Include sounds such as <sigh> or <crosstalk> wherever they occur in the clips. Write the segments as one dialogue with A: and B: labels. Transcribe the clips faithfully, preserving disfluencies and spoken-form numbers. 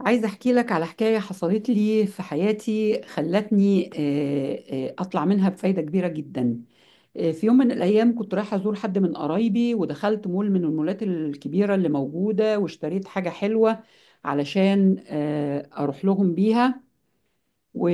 A: عايزة أحكي لك على حكاية حصلت لي في حياتي خلتني آه، آه، أطلع منها بفايدة كبيرة جدا. آه، في يوم من الأيام كنت رايحة أزور حد من قرايبي ودخلت مول من المولات الكبيرة اللي موجودة واشتريت حاجة حلوة علشان آه، أروح لهم بيها. و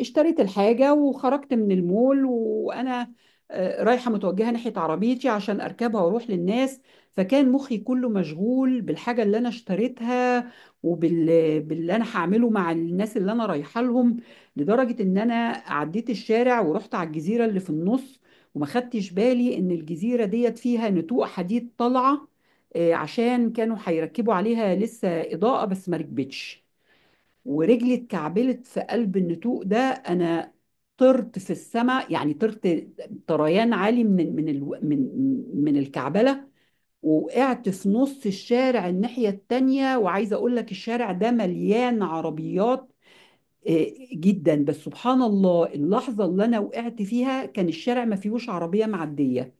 A: اشتريت الحاجة وخرجت من المول وأنا آه، رايحة متوجهة ناحية عربيتي عشان أركبها وأروح للناس. فكان مخي كله مشغول بالحاجة اللي أنا اشتريتها وبال باللي أنا هعمله مع الناس اللي أنا رايحة لهم، لدرجة إن أنا عديت الشارع ورحت على الجزيرة اللي في النص، وما خدتش بالي إن الجزيرة ديت فيها نتوء حديد طالعة، آه، عشان كانوا هيركبوا عليها لسه إضاءة بس ما ركبتش. ورجلي اتكعبلت في قلب النتوء ده، انا طرت في السماء، يعني طرت طريان عالي من من الو- من من الكعبله. وقعت في نص الشارع الناحيه التانيه، وعايزه اقول لك الشارع ده مليان عربيات آه، جدا، بس سبحان الله اللحظه اللي انا وقعت فيها كان الشارع ما فيهوش عربيه معديه.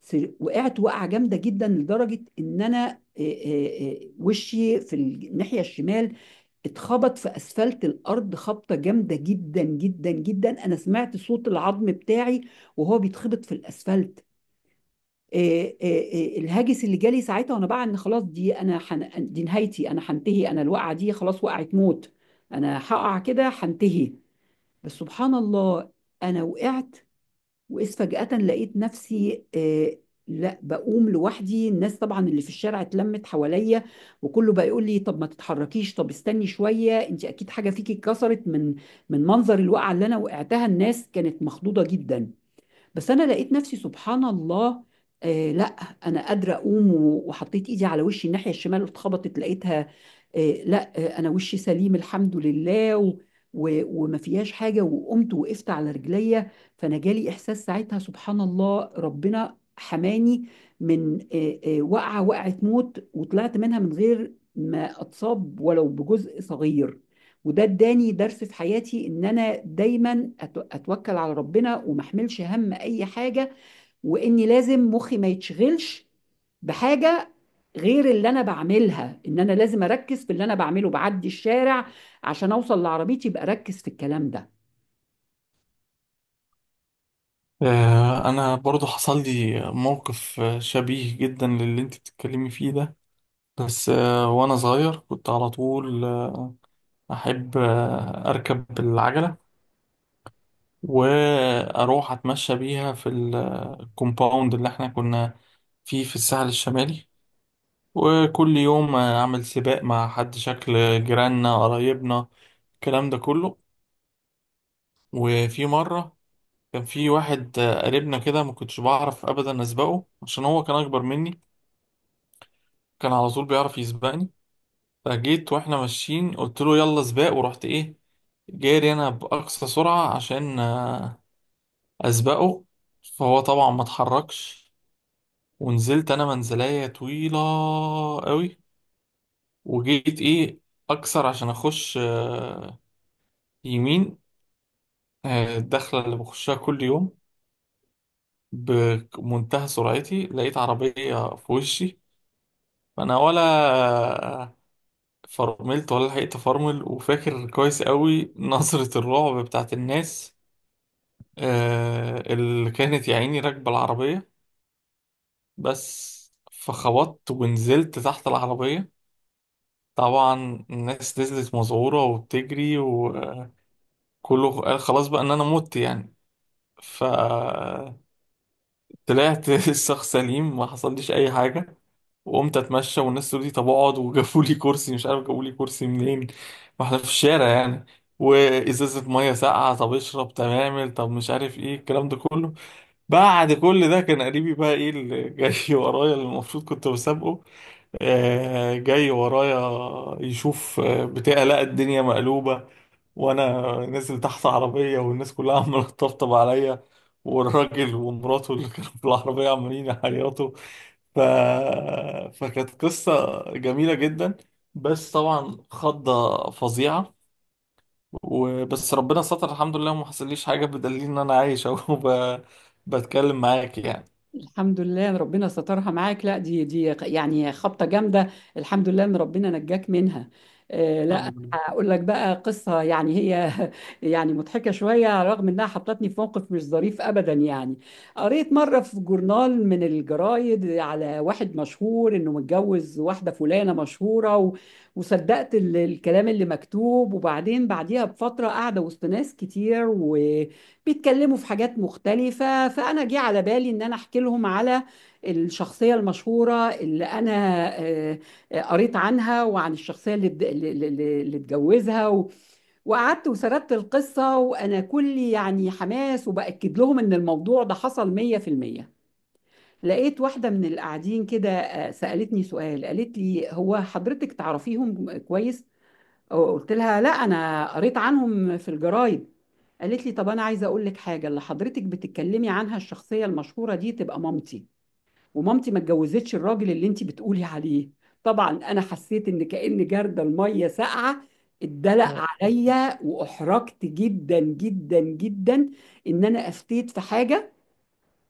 A: سر- وقعت وقعه جامده جدا لدرجه ان انا إيه إيه إيه وشي في الناحيه الشمال اتخبط في اسفلت الارض خبطه جامده جدا جدا جدا. انا سمعت صوت العظم بتاعي وهو بيتخبط في الاسفلت. إيه إيه إيه الهاجس اللي جالي ساعتها وانا بقى ان خلاص، دي انا حن... دي نهايتي، انا هنتهي، انا الوقعه دي خلاص وقعت موت، انا هقع كده هنتهي. بس سبحان الله، انا وقعت وإذ فجأة لقيت نفسي آه لا، بقوم لوحدي. الناس طبعا اللي في الشارع اتلمت حواليا، وكله بقى يقول لي طب ما تتحركيش، طب استني شوية، انت اكيد حاجة فيكي اتكسرت من من منظر الوقعة اللي انا وقعتها. الناس كانت مخضوضة جدا، بس انا لقيت نفسي سبحان الله آه لا، انا قادره اقوم. و- وحطيت ايدي على وشي الناحيه الشمال واتخبطت لقيتها آه لا آه انا وشي سليم الحمد لله و و وما فيهاش حاجه، وقمت وقفت على رجليا. فانا جالي احساس ساعتها سبحان الله ربنا حماني من آه آه وقعه وقعه موت، وطلعت منها من غير ما اتصاب ولو بجزء صغير. وده اداني درس في حياتي ان انا دايما أت- اتوكل على ربنا وما احملش هم اي حاجه، واني لازم مخي ما يتشغلش بحاجه غير اللي انا بعملها، ان انا لازم اركز في اللي انا بعمله، بعدي الشارع عشان اوصل لعربيتي يبقى اركز في الكلام ده.
B: آه، انا برضو حصل لي موقف آه، شبيه جدا للي انت بتتكلمي فيه ده. بس آه، وانا صغير كنت على طول، آه، احب آه، اركب العجلة واروح اتمشى بيها في ال- الكومباوند اللي احنا كنا فيه في الساحل الشمالي، وكل يوم آه، اعمل سباق مع حد شكل جيراننا، قرايبنا، الكلام ده كله. وفي مرة كان في واحد آه، قريبنا كده، ما كنتش بعرف ابدا اسبقه عشان هو كان اكبر مني، كان على طول بيعرف يسبقني. فجيت واحنا ماشيين قلت له يلا سباق، ورحت ايه، جاري انا باقصى سرعه عشان آه، اسبقه. فهو طبعا ما اتحركش، ونزلت انا منزليه طويله قوي، وجيت ايه اكسر عشان اخش آه، يمين، آه، الدخله اللي بخشها كل يوم. بمنتهى سرعتي لقيت عربيه في وشي، فانا ولا فرملت ولا لحقت افرمل. وفاكر كويس قوي نظرة الرعب بتاعت الناس آه اللي كانت يا عيني راكبة العربية. بس فخبطت ونزلت تحت العربية. طبعا الناس نزلت مذعورة وبتجري وكله، قال خلاص بقى ان انا مت يعني. فطلعت، <laughs> الشخص سليم ما حصلليش اي حاجة. وقمت اتمشى والناس تقول لي طب اقعد، وجابوا لي كرسي، مش عارف جابوا لي كرسي منين، ما احنا في الشارع يعني. وازازه ميه ساقعه، طب اشرب، طب اعمل، طب مش عارف ايه الكلام ده كله. بعد كل ده كان قريبي بقى ايه اللي <laughs> جاي ورايا، اللي المفروض كنت بسابقه، آه، جاي ورايا يشوف آه، بتاع، لقى الدنيا مقلوبه وانا نازل تحت عربيه والناس كلها <laughs> عماله تطبطب عليا، والراجل ومراته اللي كانوا في العربيه عمالين يعيطوا. ف... فكانت قصة جميلة جدا، بس طبعا خضة فظيعة. وبس ربنا ستر الحمد لله وما حصليش حاجة، بدليل إن أنا عايش أهو <laughs> ب... بتكلم معاك يعني.
A: الحمد لله ان ربنا سترها معاك، لا، دي دي يعني خبطه جامده، الحمد لله ان ربنا نجاك منها. آه لا،
B: الحمد
A: هقول لك بقى قصه يعني هي <laughs> يعني مضحكه شويه رغم انها حطتني في موقف مش ظريف ابدا يعني. قريت مره في جورنال من الجرايد على واحد مشهور انه متجوز واحده فلانه مشهوره و... وصدقت ال- الكلام اللي مكتوب، وبعدين بعديها بفتره قاعده وسط ناس كتير و بيتكلموا في حاجات مختلفة، فأنا جه على بالي إن أنا أحكي لهم على الشخصية المشهورة اللي أنا آه، آه، قريت عنها، وعن الشخصية اللي اتج- اللي اللي- اللي اتجوزها. و- وقعدت وسردت القصة وأنا كلي يعني حماس وبأكد لهم إن الموضوع ده حصل مية في المية. لقيت واحدة من القاعدين كده آه، سألتني سؤال، قالت لي هو حضرتك تعرفيهم كويس؟ قلت لها لا، انا قريت عنهم في الجرايد. قالت لي طب انا عايزه اقول لك حاجه، اللي حضرتك بتتكلمي عنها الشخصيه المشهوره دي تبقى مامتي، ومامتي ما اتجوزتش الراجل اللي انت بتقولي عليه. طبعا انا حسيت ان كأن جردل الميه ساقعه اتدلق
B: لله.
A: عليا، واحرجت جدا جدا جدا ان انا افتيت في حاجه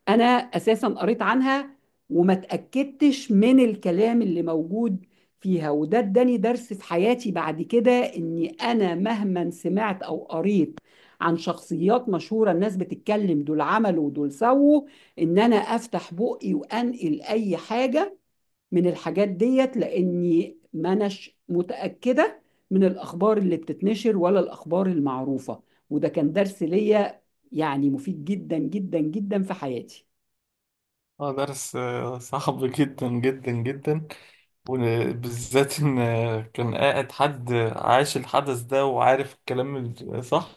A: انا اساسا قريت عنها وما اتاكدتش من الكلام اللي موجود فيها. وده اداني درس في حياتي بعد كده اني انا مهما سمعت او قريت عن شخصيات مشهوره، الناس بتتكلم دول عملوا ودول سووا، ان انا افتح بقي وانقل اي حاجه من الحاجات ديت، لاني ما اناش متاكده من الاخبار اللي بتتنشر ولا الاخبار المعروفه. وده كان درس ليا يعني مفيد جدا جدا جدا في حياتي.
B: اه درس آه، صعب جدا جدا جدا، وبالذات إن كان قاعد حد عايش الحدث ده وعارف الكلام الصح،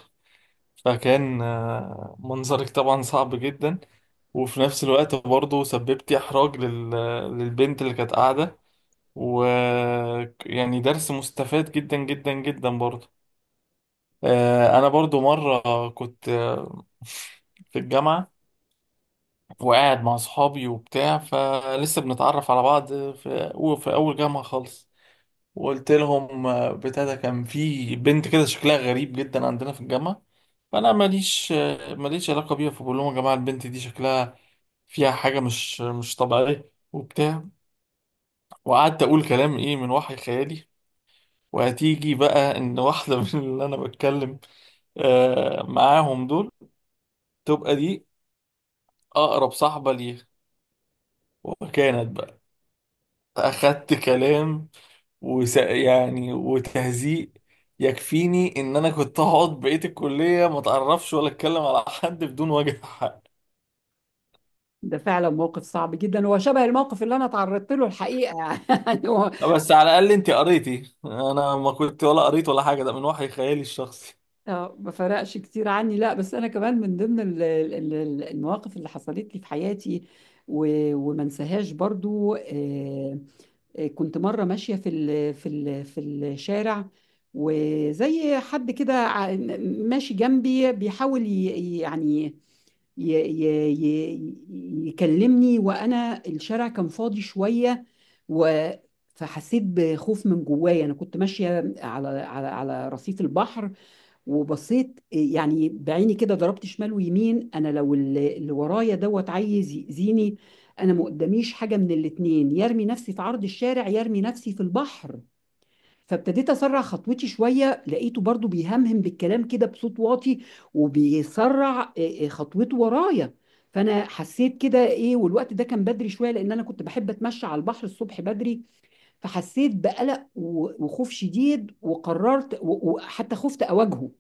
B: فكان آه، منظرك طبعا صعب جدا. وفي نفس الوقت برضه سببتي إحراج لل... للبنت اللي كانت قاعدة. ويعني درس مستفاد جدا جدا جدا برضه. آه، أنا برضه مرة كنت آه، في الجامعة وقاعد مع أصحابي وبتاع فلسه بنتعرف على بعض في, في أول جامعة خالص، وقلت لهم آه، بتاع، ده كان في بنت كده شكلها غريب جدا عندنا في الجامعة، فأنا ماليش آه، ماليش علاقة بيها، فبقول لهم يا جماعة البنت دي شكلها فيها حاجة مش مش طبيعية وبتاع. وقعدت أقول كلام إيه من وحي خيالي. وهتيجي بقى إن واحدة <laughs> من اللي أنا بتكلم آه، معاهم دول تبقى دي أقرب صاحبة ليها. وكانت بقى أخدت كلام وس... يعني وتهزيء يكفيني ان انا كنت هقعد بقية الكلية ما اتعرفش ولا اتكلم على حد بدون وجه حق.
A: ده فعلا موقف صعب جدًا، هو شبه الموقف اللي أنا اتعرّضت له الحقيقة <laughs> يعني هو
B: بس على الاقل انت قريتي، انا ما كنت ولا قريت ولا حاجة، ده من وحي خيالي الشخصي.
A: آه، ما فرقش كتير عني. لأ، بس أنا كمان من ضمن ال ال ال المواقف اللي حصلت لي في حياتي، و وما انساهاش برضه. آآ، آآ كنت مرّة ماشية في ال في ال في الشارع، وزي حد كده ع م ماشي جنبي بيحاول ي يعني ي ي ي يكلمني، وانا الشارع كان فاضي شويه. و فحسيت بخوف من جوايا. انا كنت ماشيه على على على رصيف البحر، وبصيت يعني بعيني كده ضربت شمال ويمين، انا لو اللي اللي ورايا دوت عايز يأذيني، انا ما قداميش حاجه من الاتنين، يرمي نفسي في عرض الشارع يرمي نفسي في البحر. فابتديت اسرع خطوتي شويه، لقيته برضو بيهمهم بالكلام كده بصوت واطي وبيسرع إيه، إيه، خطوته ورايا. فانا حسيت كده ايه، والوقت ده كان بدري شويه لان انا كنت بحب اتمشى على البحر الصبح بدري، فحسيت بقلق و- وخوف شديد، وقررت و- وحتى خفت اواجهه،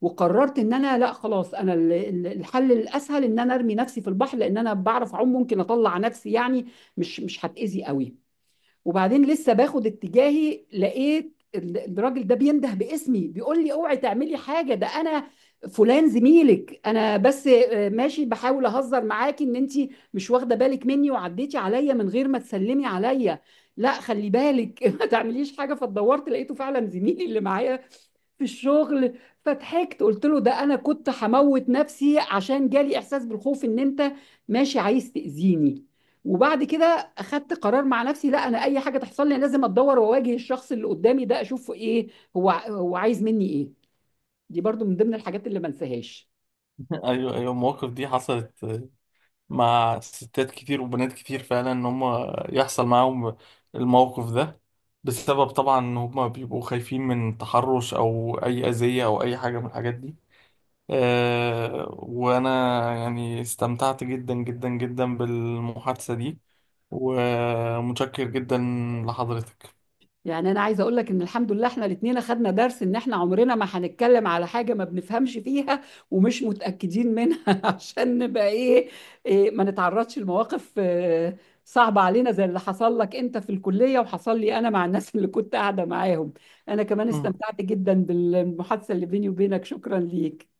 A: وقررت ان انا لا خلاص انا ال- ال- الحل الاسهل ان انا ارمي نفسي في البحر، لان انا بعرف اعوم، ممكن اطلع نفسي يعني، مش مش هتاذي قوي. وبعدين لسه باخد اتجاهي لقيت ال- الراجل ده بينده باسمي، بيقول لي اوعي تعملي حاجه، ده انا فلان زميلك، انا بس آه، ماشي بحاول اهزر معاكي ان انت مش واخده بالك مني وعديتي عليا من غير ما تسلمي عليا. لا خلي بالك <laughs> ما تعمليش حاجه. فدورت لقيته فعلا زميلي اللي معايا في الشغل، فضحكت قلت له ده انا كنت هموت نفسي عشان جالي احساس بالخوف ان انت ماشي عايز تأذيني. وبعد كده اخدت قرار مع نفسي لا، انا اي حاجه تحصل لي لازم اتدور واواجه الشخص اللي قدامي ده، اشوفه ايه هو هو عايز مني ايه. دي برضو من ضمن الحاجات اللي ما انساهاش.
B: <laughs> ايوه ايوه، المواقف دي حصلت مع ستات كتير وبنات كتير فعلا، ان هم يحصل معاهم الموقف ده بسبب طبعا ان هم بيبقوا خايفين من تحرش او اي اذية او اي حاجة من الحاجات دي. آه، وأنا يعني استمتعت جدا جدا جدا بالمحادثة دي، ومتشكر جدا لحضرتك.
A: يعني انا عايزه اقول لك ان الحمد لله احنا الاثنين اخدنا درس ان احنا عمرنا ما هنتكلم على حاجه ما بنفهمش فيها ومش متاكدين منها <laughs> عشان نبقى ايه، إيه ما نتعرضش لمواقف آه، صعبه علينا زي اللي حصل لك انت في الكليه وحصل لي انا مع الناس <laughs> اللي كنت قاعده معاهم. انا كمان
B: مم.
A: استمتعت جدا بالمحادثه اللي بيني وبينك، شكرا ليك.